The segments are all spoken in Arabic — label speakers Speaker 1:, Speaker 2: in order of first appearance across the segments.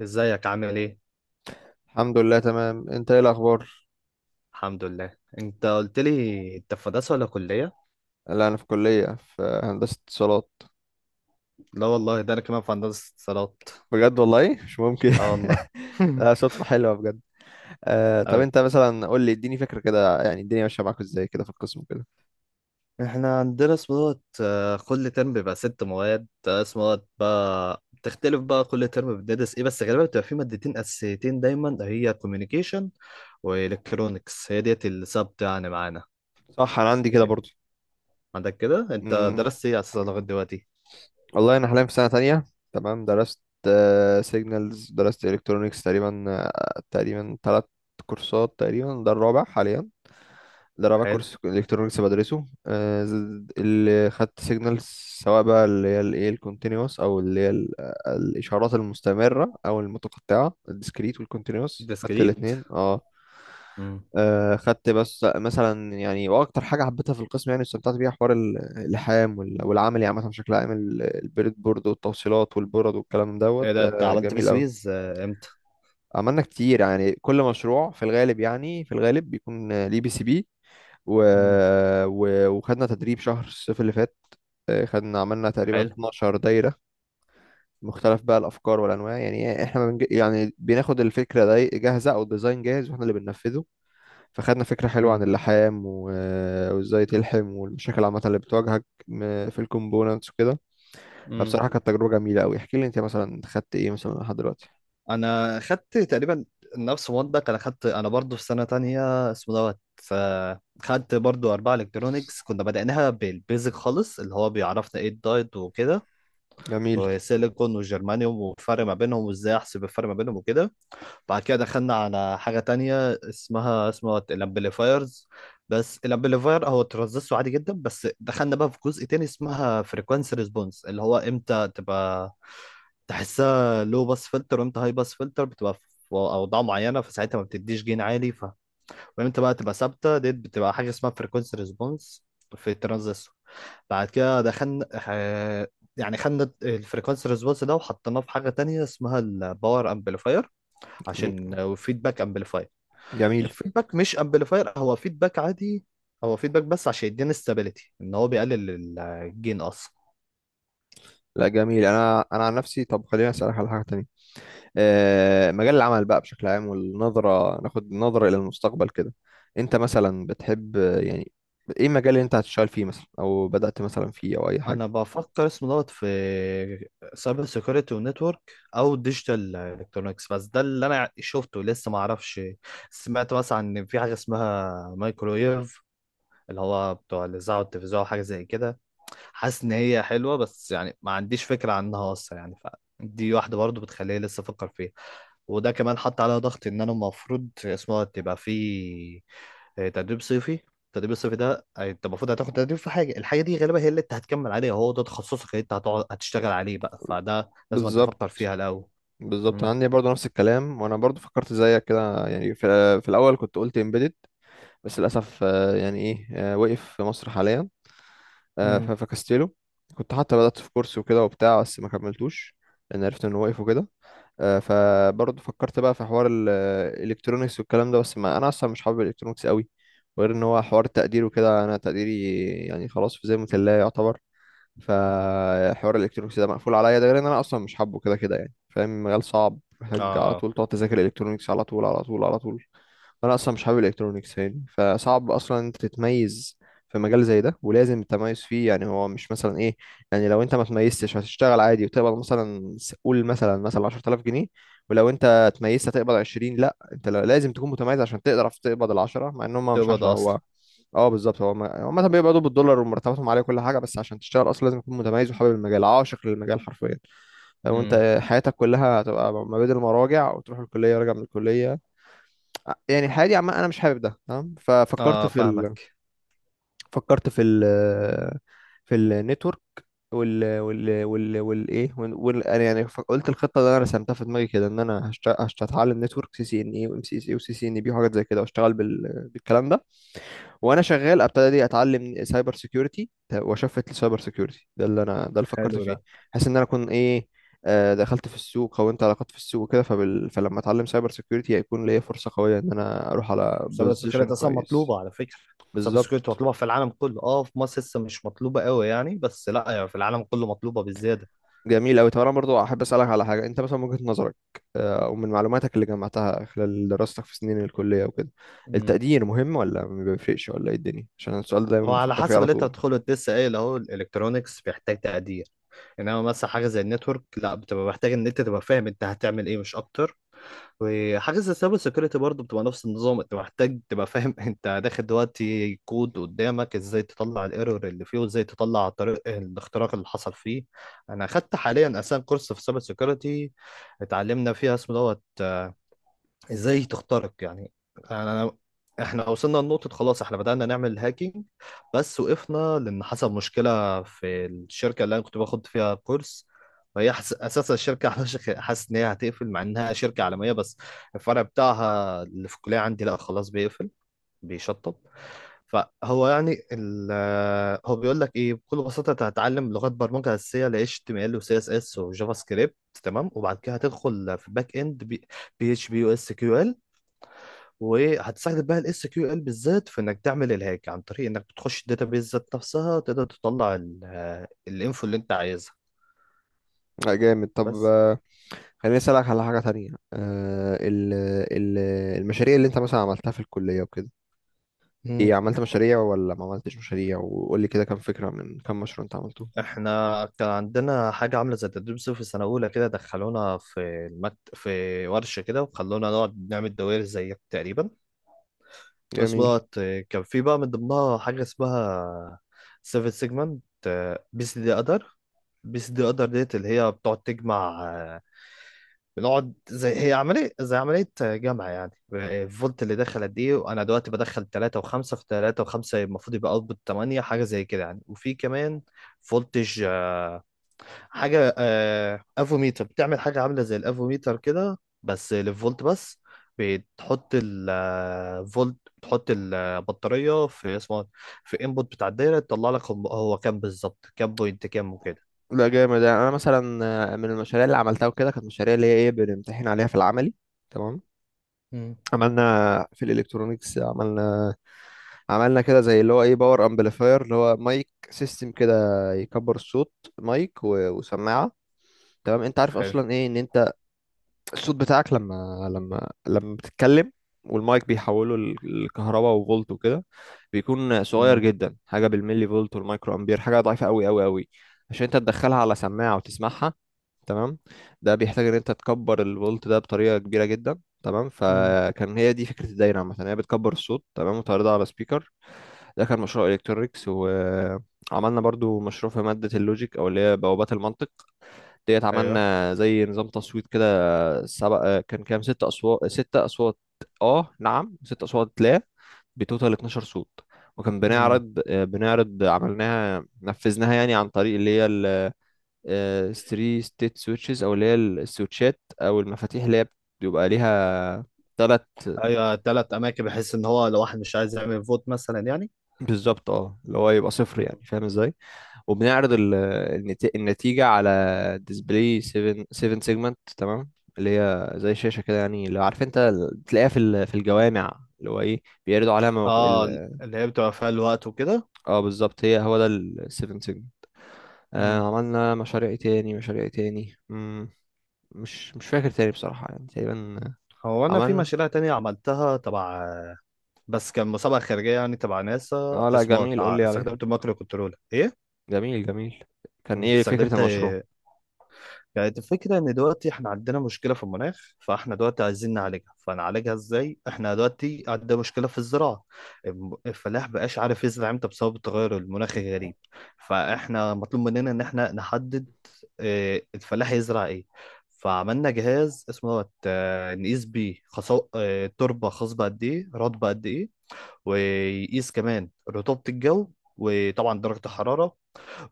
Speaker 1: ازيك عامل ايه؟
Speaker 2: الحمد لله تمام، انت ايه الاخبار؟
Speaker 1: الحمد لله، انت قلت لي انت في هندسه ولا كليه؟
Speaker 2: لا انا في كليه، في هندسه اتصالات.
Speaker 1: لا والله ده انا كمان في هندسه اتصالات.
Speaker 2: بجد والله مش ممكن.
Speaker 1: اه والله.
Speaker 2: لا صدفه حلوه بجد. آه، طب
Speaker 1: اوي.
Speaker 2: انت مثلا قول لي، اديني فكره كده، يعني الدنيا ماشيه معاك ازاي كده في القسم كده.
Speaker 1: احنا عندنا اسمه دوت، كل ترم بيبقى ست مواد، اسمه دوت بقى بتختلف بقى كل ترم بندرس ايه، بس غالبا بتبقى في مادتين اساسيتين دايما، هي كوميونيكيشن والكترونكس، هي ديت السبت يعني معانا.
Speaker 2: صح، انا عندي كده برضو.
Speaker 1: عندك كده، انت
Speaker 2: امم
Speaker 1: درست ايه اساسا لغايه دلوقتي؟
Speaker 2: والله انا حاليا في سنه تانية. تمام، درست سيجنالز، درست الكترونيكس تقريبا، تقريبا ثلاث كورسات، تقريبا ده الرابع حاليا. ده رابع
Speaker 1: حلو.
Speaker 2: كورس الكترونكس بدرسه، اللي خدت سيجنالز سواء بقى اللي هي الايه الكونتينوس، او اللي هي الاشارات المستمره او المتقطعه، الديسكريت والكونتينوس، خدت
Speaker 1: ديسكريت.
Speaker 2: الاثنين. اه،
Speaker 1: امم.
Speaker 2: خدت بس مثلا، يعني واكتر حاجه حبيتها في القسم يعني استمتعت بيها حوار اللحام والعملي عامه بشكل عام، البريد بورد والتوصيلات والبورد والكلام دوت،
Speaker 1: ايه ده، انت
Speaker 2: ده
Speaker 1: عملت
Speaker 2: جميل قوي.
Speaker 1: بسويز امتى؟
Speaker 2: عملنا كتير، يعني كل مشروع في الغالب، يعني في الغالب بيكون ليه بي سي بي و... وخدنا تدريب شهر الصيف اللي فات. خدنا عملنا تقريبا
Speaker 1: حلو.
Speaker 2: 12 دايرة، مختلف بقى الأفكار والأنواع. يعني إحنا يعني بناخد الفكرة دي جاهزة أو الديزاين جاهز وإحنا اللي بننفذه، فخدنا فكرة حلوة عن
Speaker 1: امم.
Speaker 2: اللحام وإزاي تلحم، والمشاكل عامة اللي بتواجهك في الكومبوننتس وكده.
Speaker 1: امم.
Speaker 2: فبصراحة كانت تجربة جميلة أوي. احكي لي أنت مثلا خدت إيه مثلا لحد دلوقتي.
Speaker 1: انا خدت تقريبا نفس مودك، انا برضو في سنه تانية اسمه دوت، خدت برضو اربعه الكترونيكس، كنا بدأناها بالبيزك خالص، اللي هو بيعرفنا ايه الدايت وكده،
Speaker 2: جميل.
Speaker 1: وسيليكون وجرمانيوم والفرق ما بينهم، وازاي احسب الفرق ما بينهم وكده. بعد كده دخلنا على حاجة تانية اسمها الامبليفايرز، بس الامبليفاير هو ترانزستور عادي جدا، بس دخلنا بقى في جزء تاني اسمها فريكوانسي ريسبونس، اللي هو امتى تبقى تحسها لو باس فلتر، وامتى هاي باس فلتر بتبقى في اوضاع معينة فساعتها ما بتديش جين عالي. وامتى بقى تبقى ثابتة، دي بتبقى حاجة اسمها فريكوانسي ريسبونس في الترانزستور. بعد كده دخلنا، يعني خدنا الفريكوانسي ريسبونس ده وحطيناه في حاجة تانية اسمها الباور امبليفاير
Speaker 2: جميل.
Speaker 1: عشان فيدباك امبليفاير.
Speaker 2: جميل.
Speaker 1: الفيدباك مش امبليفاير، هو فيدباك عادي، هو فيدباك بس عشان يدينا استابيليتي ان هو بيقلل الجين اصلا.
Speaker 2: لا جميل. أنا عن نفسي، طب خليني أسألك على حاجة تانية. آه، مجال العمل بقى بشكل عام، والنظرة، ناخد نظرة إلى المستقبل كده. أنت مثلا بتحب، آه، يعني إيه المجال اللي أنت هتشتغل فيه مثلا، أو بدأت مثلا فيه أو أي حاجة؟
Speaker 1: انا بفكر اسمه دوت في سايبر سيكيورتي ونتورك، او ديجيتال الكترونكس، بس ده اللي انا شفته، لسه ما اعرفش. سمعت مثلا ان في حاجه اسمها مايكرويف، اللي هو بتوع الاذاعه والتلفزيون أو حاجه زي كده. حاسس ان هي حلوه، بس يعني ما عنديش فكره عنها اصلا يعني، فدي واحده برضو بتخليني لسه افكر فيها. وده كمان حط عليها ضغط ان انا المفروض اسمها تبقى في تدريب صيفي. التدريب الصيفي ده، انت المفروض هتاخد تدريب في حاجه، الحاجه دي غالبا هي اللي انت هتكمل عليها، هو ده تخصصك اللي انت هتقعد هتشتغل عليه بقى، فده لازم انت
Speaker 2: بالظبط.
Speaker 1: تفكر فيها الاول.
Speaker 2: بالظبط، أنا
Speaker 1: امم.
Speaker 2: عندي برضه نفس الكلام، وأنا برضه فكرت زيك كده، يعني في الأول كنت قلت إمبيدد، بس للأسف آه، يعني إيه آه، وقف في مصر حاليا،
Speaker 1: امم.
Speaker 2: فكستله. كنت حتى بدأت في كورس وكده وبتاع، بس ما كملتوش لأن عرفت إنه وقف وكده. فبرضه فكرت بقى في حوار الالكترونيكس والكلام ده، بس ما انا اصلا مش حابب الالكترونيكس قوي، وغير ان هو حوار التقدير وكده، انا تقديري يعني خلاص، في زي الله يعتبر. فحوار الالكترونيكس ده مقفول عليا، ده غير ان انا اصلا مش حابه كده كده، يعني فاهم، مجال صعب، محتاج على
Speaker 1: اه.
Speaker 2: طول تقعد تذاكر الالكترونيكس على طول على طول على طول. انا اصلا مش حابب الالكترونيكس، يعني فصعب اصلا انت تتميز في مجال زي ده، ولازم التميز فيه. يعني هو مش مثلا ايه، يعني لو انت ما تميزتش هتشتغل عادي وتقبض مثلا قول مثلا، مثلا 10000 جنيه، ولو انت اتميزت هتقبض 20، لا انت لازم تكون متميز عشان تقدر تقبض ال 10، مع ان هم مش
Speaker 1: تبقى
Speaker 2: 10.
Speaker 1: ده اصلا.
Speaker 2: هو اه بالظبط، هو هم مثلا بيقبضوا بالدولار ومرتباتهم عاليه وكل حاجه، بس عشان تشتغل اصلا لازم تكون متميز وحابب المجال، عاشق للمجال حرفيا. لو
Speaker 1: امم.
Speaker 2: انت حياتك كلها هتبقى ما بين المراجع وتروح الكليه، وراجع من الكليه، يعني الحياة دي عامة أنا مش حابب ده. تمام، ففكرت
Speaker 1: اه،
Speaker 2: في ال...
Speaker 1: فاهمك.
Speaker 2: فكرت في ال... في النتورك وال وال وال والايه وال... وال... أنا يعني قلت الخطة اللي أنا رسمتها في دماغي كده، إن أنا هتعلم نتورك، سي سي إن إي وإم سي سي وسي سي إن بي وحاجات زي كده، وأشتغل بالكلام ده. وانا شغال ابتدي اتعلم سايبر سيكيورتي، واشفت للسايبر سيكيورتي ده، اللي انا ده اللي فكرت
Speaker 1: حلو
Speaker 2: فيه،
Speaker 1: ده.
Speaker 2: بحيث ان انا اكون ايه، دخلت في السوق، كونت علاقات في السوق وكده، فلما اتعلم سايبر سيكيورتي هيكون ليا فرصه قويه ان انا اروح على
Speaker 1: مسابقة السكريات
Speaker 2: بوزيشن
Speaker 1: أصلا
Speaker 2: كويس.
Speaker 1: مطلوبة على فكرة. مسابقة السكريات
Speaker 2: بالظبط.
Speaker 1: مطلوبة في العالم كله، اه في مصر لسه مش مطلوبة قوي يعني، بس لا يعني في العالم كله مطلوبة بالزيادة.
Speaker 2: جميل قوي. طب انا برضو احب اسالك على حاجه، انت مثلا من وجهه نظرك، او من معلوماتك اللي جمعتها خلال دراستك في سنين الكليه وكده،
Speaker 1: امم.
Speaker 2: التقدير مهم ولا ما بيفرقش ولا ايه الدنيا؟ عشان السؤال ده
Speaker 1: هو
Speaker 2: دايما
Speaker 1: على
Speaker 2: بفكر فيه
Speaker 1: حسب
Speaker 2: على
Speaker 1: اللي انت
Speaker 2: طول.
Speaker 1: هتدخله، انت لسه قايل اهو الالكترونكس بيحتاج تقدير، انما مثلا حاجه زي النتورك لا، بتبقى محتاج ان انت تبقى فاهم انت هتعمل ايه، مش اكتر. وحاجة زي السايبر سيكيورتي برضه بتبقى نفس النظام، انت محتاج تبقى فاهم انت داخل دلوقتي كود قدامك، ازاي تطلع الايرور اللي فيه، وازاي تطلع طريق الاختراق اللي حصل فيه. انا اخدت حاليا اساسا كورس في السايبر سيكيورتي، اتعلمنا فيها اسمه دوت ازاي تخترق يعني. انا احنا وصلنا لنقطة، خلاص احنا بدأنا نعمل هاكينج، بس وقفنا لأن حصل مشكلة في الشركة اللي انا كنت باخد فيها كورس. اساسا الشركة حاسس ان هي هتقفل مع انها شركة عالمية، بس الفرع بتاعها اللي في الكلية عندي لا، خلاص بيقفل، بيشطب. فهو يعني ال... هو بيقول لك ايه بكل بساطة، انت هتتعلم لغات برمجة أساسية ل HTML و CSS و JavaScript، تمام. وبعد كده هتدخل في باك اند، بي اتش بي، يو اس كيو ال، وهتساعدك بقى الاس كيو ال بالذات في انك تعمل الهاج عن طريق انك بتخش الداتابيز ذات نفسها، تقدر تطلع الانفو اللي انت عايزها.
Speaker 2: جامد. طب
Speaker 1: بس.
Speaker 2: خليني أسألك على حاجة تانية. آه ال ال المشاريع اللي أنت مثلا عملتها في الكلية وكده،
Speaker 1: مم.
Speaker 2: إيه، عملت مشاريع ولا ما عملتش مشاريع؟ وقول لي كده كام فكرة، من كام مشروع أنت عملته.
Speaker 1: احنا كان عندنا حاجه عامله زي التدريب صيفي في سنه اولى، كده دخلونا في في ورشه كده، وخلونا نقعد نعمل دوائر زيك تقريبا، بس
Speaker 2: جميل.
Speaker 1: دوت. كان في بقى من ضمنها حاجه اسمها سيفن سيجمنت، بيس دي ادر بيس دي ادر ديت اللي هي بتقعد تجمع، بنقعد زي هي عملية زي عملية جمع يعني، الفولت اللي داخل قد ايه، وانا دلوقتي بدخل 3 و5 في 3 و5 المفروض يبقى اوتبوت 8، حاجة زي كده يعني. وفي كمان فولتج، حاجة، افوميتر بتعمل حاجة عاملة زي الافوميتر كده بس للفولت بس، بتحط الفولت، بتحط البطارية في اسمه إيه؟ في انبوت بتاع الدايرة، تطلع لك هو كام بالظبط، كام بوينت كام وكده.
Speaker 2: لا جامد. يعني أنا مثلا، من المشاريع اللي عملتها وكده كانت مشاريع اللي هي إيه، بنمتحن عليها في العملي. تمام،
Speaker 1: مم.
Speaker 2: عملنا في الإلكترونيكس عملنا عملنا كده زي اللي هو إيه، باور أمبليفاير، اللي هو مايك سيستم كده، يكبر الصوت. مايك وسماعة. تمام، أنت عارف
Speaker 1: حلو.
Speaker 2: أصلا إيه، إن أنت الصوت بتاعك لما لما بتتكلم، والمايك بيحوله لكهرباء وفولت وكده، بيكون صغير
Speaker 1: امم.
Speaker 2: جدا، حاجه بالملي فولت والمايكرو امبير، حاجه ضعيفه قوي قوي قوي. عشان انت تدخلها على سماعه وتسمعها، تمام، ده بيحتاج ان انت تكبر الفولت ده بطريقه كبيره جدا. تمام،
Speaker 1: مم.
Speaker 2: فكان هي دي فكره الدايره عامه، هي بتكبر الصوت تمام وتعرضها على سبيكر. ده كان مشروع الكترونكس. وعملنا برضو مشروع في ماده اللوجيك، او اللي هي بوابات المنطق ديت،
Speaker 1: ايوه.
Speaker 2: عملنا زي نظام تصويت كده، سبع، كان كام، ست اصوات، ست اصوات. اه نعم ست اصوات، لا بتوتال 12 صوت. وكان
Speaker 1: مم.
Speaker 2: بنعرض، عملناها نفذناها يعني عن طريق اللي هي الستري ستيت سويتشز، او اللي هي السويتشات او المفاتيح، اللي هي بيبقى ليها ثلاث.
Speaker 1: ايوه، ثلاث اماكن، بحيث ان هو لو واحد مش عايز يعمل فوت مثلا يعني.
Speaker 2: بالظبط، اه، اللي هو يبقى صفر، يعني
Speaker 1: مم.
Speaker 2: فاهم ازاي. وبنعرض النتيجة على ديسبلاي 7، 7 سيجمنت. تمام، اللي هي زي شاشة كده يعني، اللي عارف انت بتلاقيها في في الجوامع، اللي هو ايه بيعرضوا عليها
Speaker 1: اه اللي هي بتبقى فيها الوقت وكده.
Speaker 2: اه بالظبط، هي هو ده ال 7 سيجمنت. آه،
Speaker 1: مم.
Speaker 2: عملنا مشاريع إيه تاني، مشاريع إيه تاني، مش فاكر تاني بصراحة، يعني تقريبا
Speaker 1: هو انا في
Speaker 2: عملنا.
Speaker 1: مشاريع تانية عملتها تبع، بس كان مسابقة خارجية يعني تبع ناسا
Speaker 2: اه لا
Speaker 1: اسمه
Speaker 2: جميل، قول لي عليه.
Speaker 1: استخدمت المايكرو كنترول ايه.
Speaker 2: جميل جميل،
Speaker 1: مم.
Speaker 2: كان ايه فكرة
Speaker 1: استخدمت،
Speaker 2: المشروع؟
Speaker 1: يعني الفكرة ان دلوقتي احنا عندنا مشكلة في المناخ، فاحنا دلوقتي عايزين نعالجها، فنعالجها ازاي؟ احنا دلوقتي عندنا مشكلة في الزراعة، الفلاح بقاش عارف يزرع امتى بسبب التغير المناخي الغريب، فاحنا مطلوب مننا ان احنا نحدد إيه الفلاح يزرع ايه. فعملنا جهاز اسمه دوت، نقيس بيه خصو... آه، التربه خصبه قد ايه، رطبه قد ايه، ويقيس كمان رطوبه الجو، وطبعا درجه الحراره،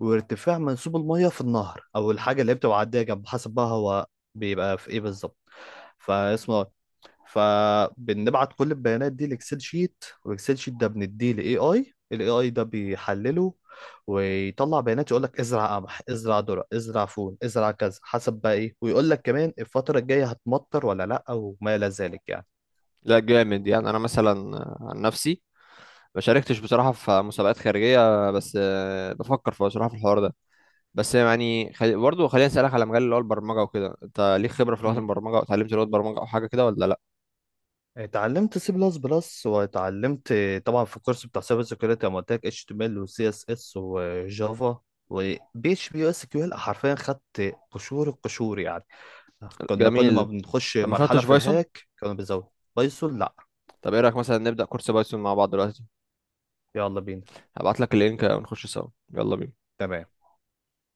Speaker 1: وارتفاع منسوب الميه في النهر او الحاجه اللي بتبقى عاديه جنب، حسب بقى هو بيبقى في ايه بالظبط، فاسمه دوت. فبنبعت كل البيانات دي لاكسل شيت، والاكسل شيت ده بنديه لاي اي، الاي اي ده بيحلله ويطلع بيانات، يقول لك ازرع قمح، ازرع ذره، ازرع فول، ازرع كذا، حسب بقى ايه، ويقول لك كمان الفتره الجايه هتمطر ولا لا، وما الى ذلك يعني.
Speaker 2: لا جامد. يعني انا مثلا عن نفسي ما شاركتش بصراحة في مسابقات خارجية، بس بفكر في بصراحة في الحوار ده. بس يعني برضه خليني أسألك على مجال اللي هو البرمجة وكده، أنت ليك خبرة في لغات
Speaker 1: مم.
Speaker 2: البرمجة أو اتعلمت لغات برمجة أو حاجة كده ولا لأ؟
Speaker 1: اتعلمت سي بلس بلس، واتعلمت طبعا في الكورس بتاع سايبر سيكيورتي انا قلت لك اتش تي ام ال وسي اس اس وجافا وبي اتش بي واس كيو ال، حرفيا خدت قشور القشور يعني، كنا كل ما
Speaker 2: جميل.
Speaker 1: بنخش
Speaker 2: طب ما
Speaker 1: مرحلة
Speaker 2: خدتش
Speaker 1: في
Speaker 2: بايثون؟
Speaker 1: الهاك كانوا بيزودوا. بايثون لا.
Speaker 2: طب إيه رأيك مثلا نبدأ كورس بايثون مع بعض دلوقتي؟
Speaker 1: يلا بينا.
Speaker 2: هبعت لك اللينك ونخش سوا. يلا بينا.
Speaker 1: تمام.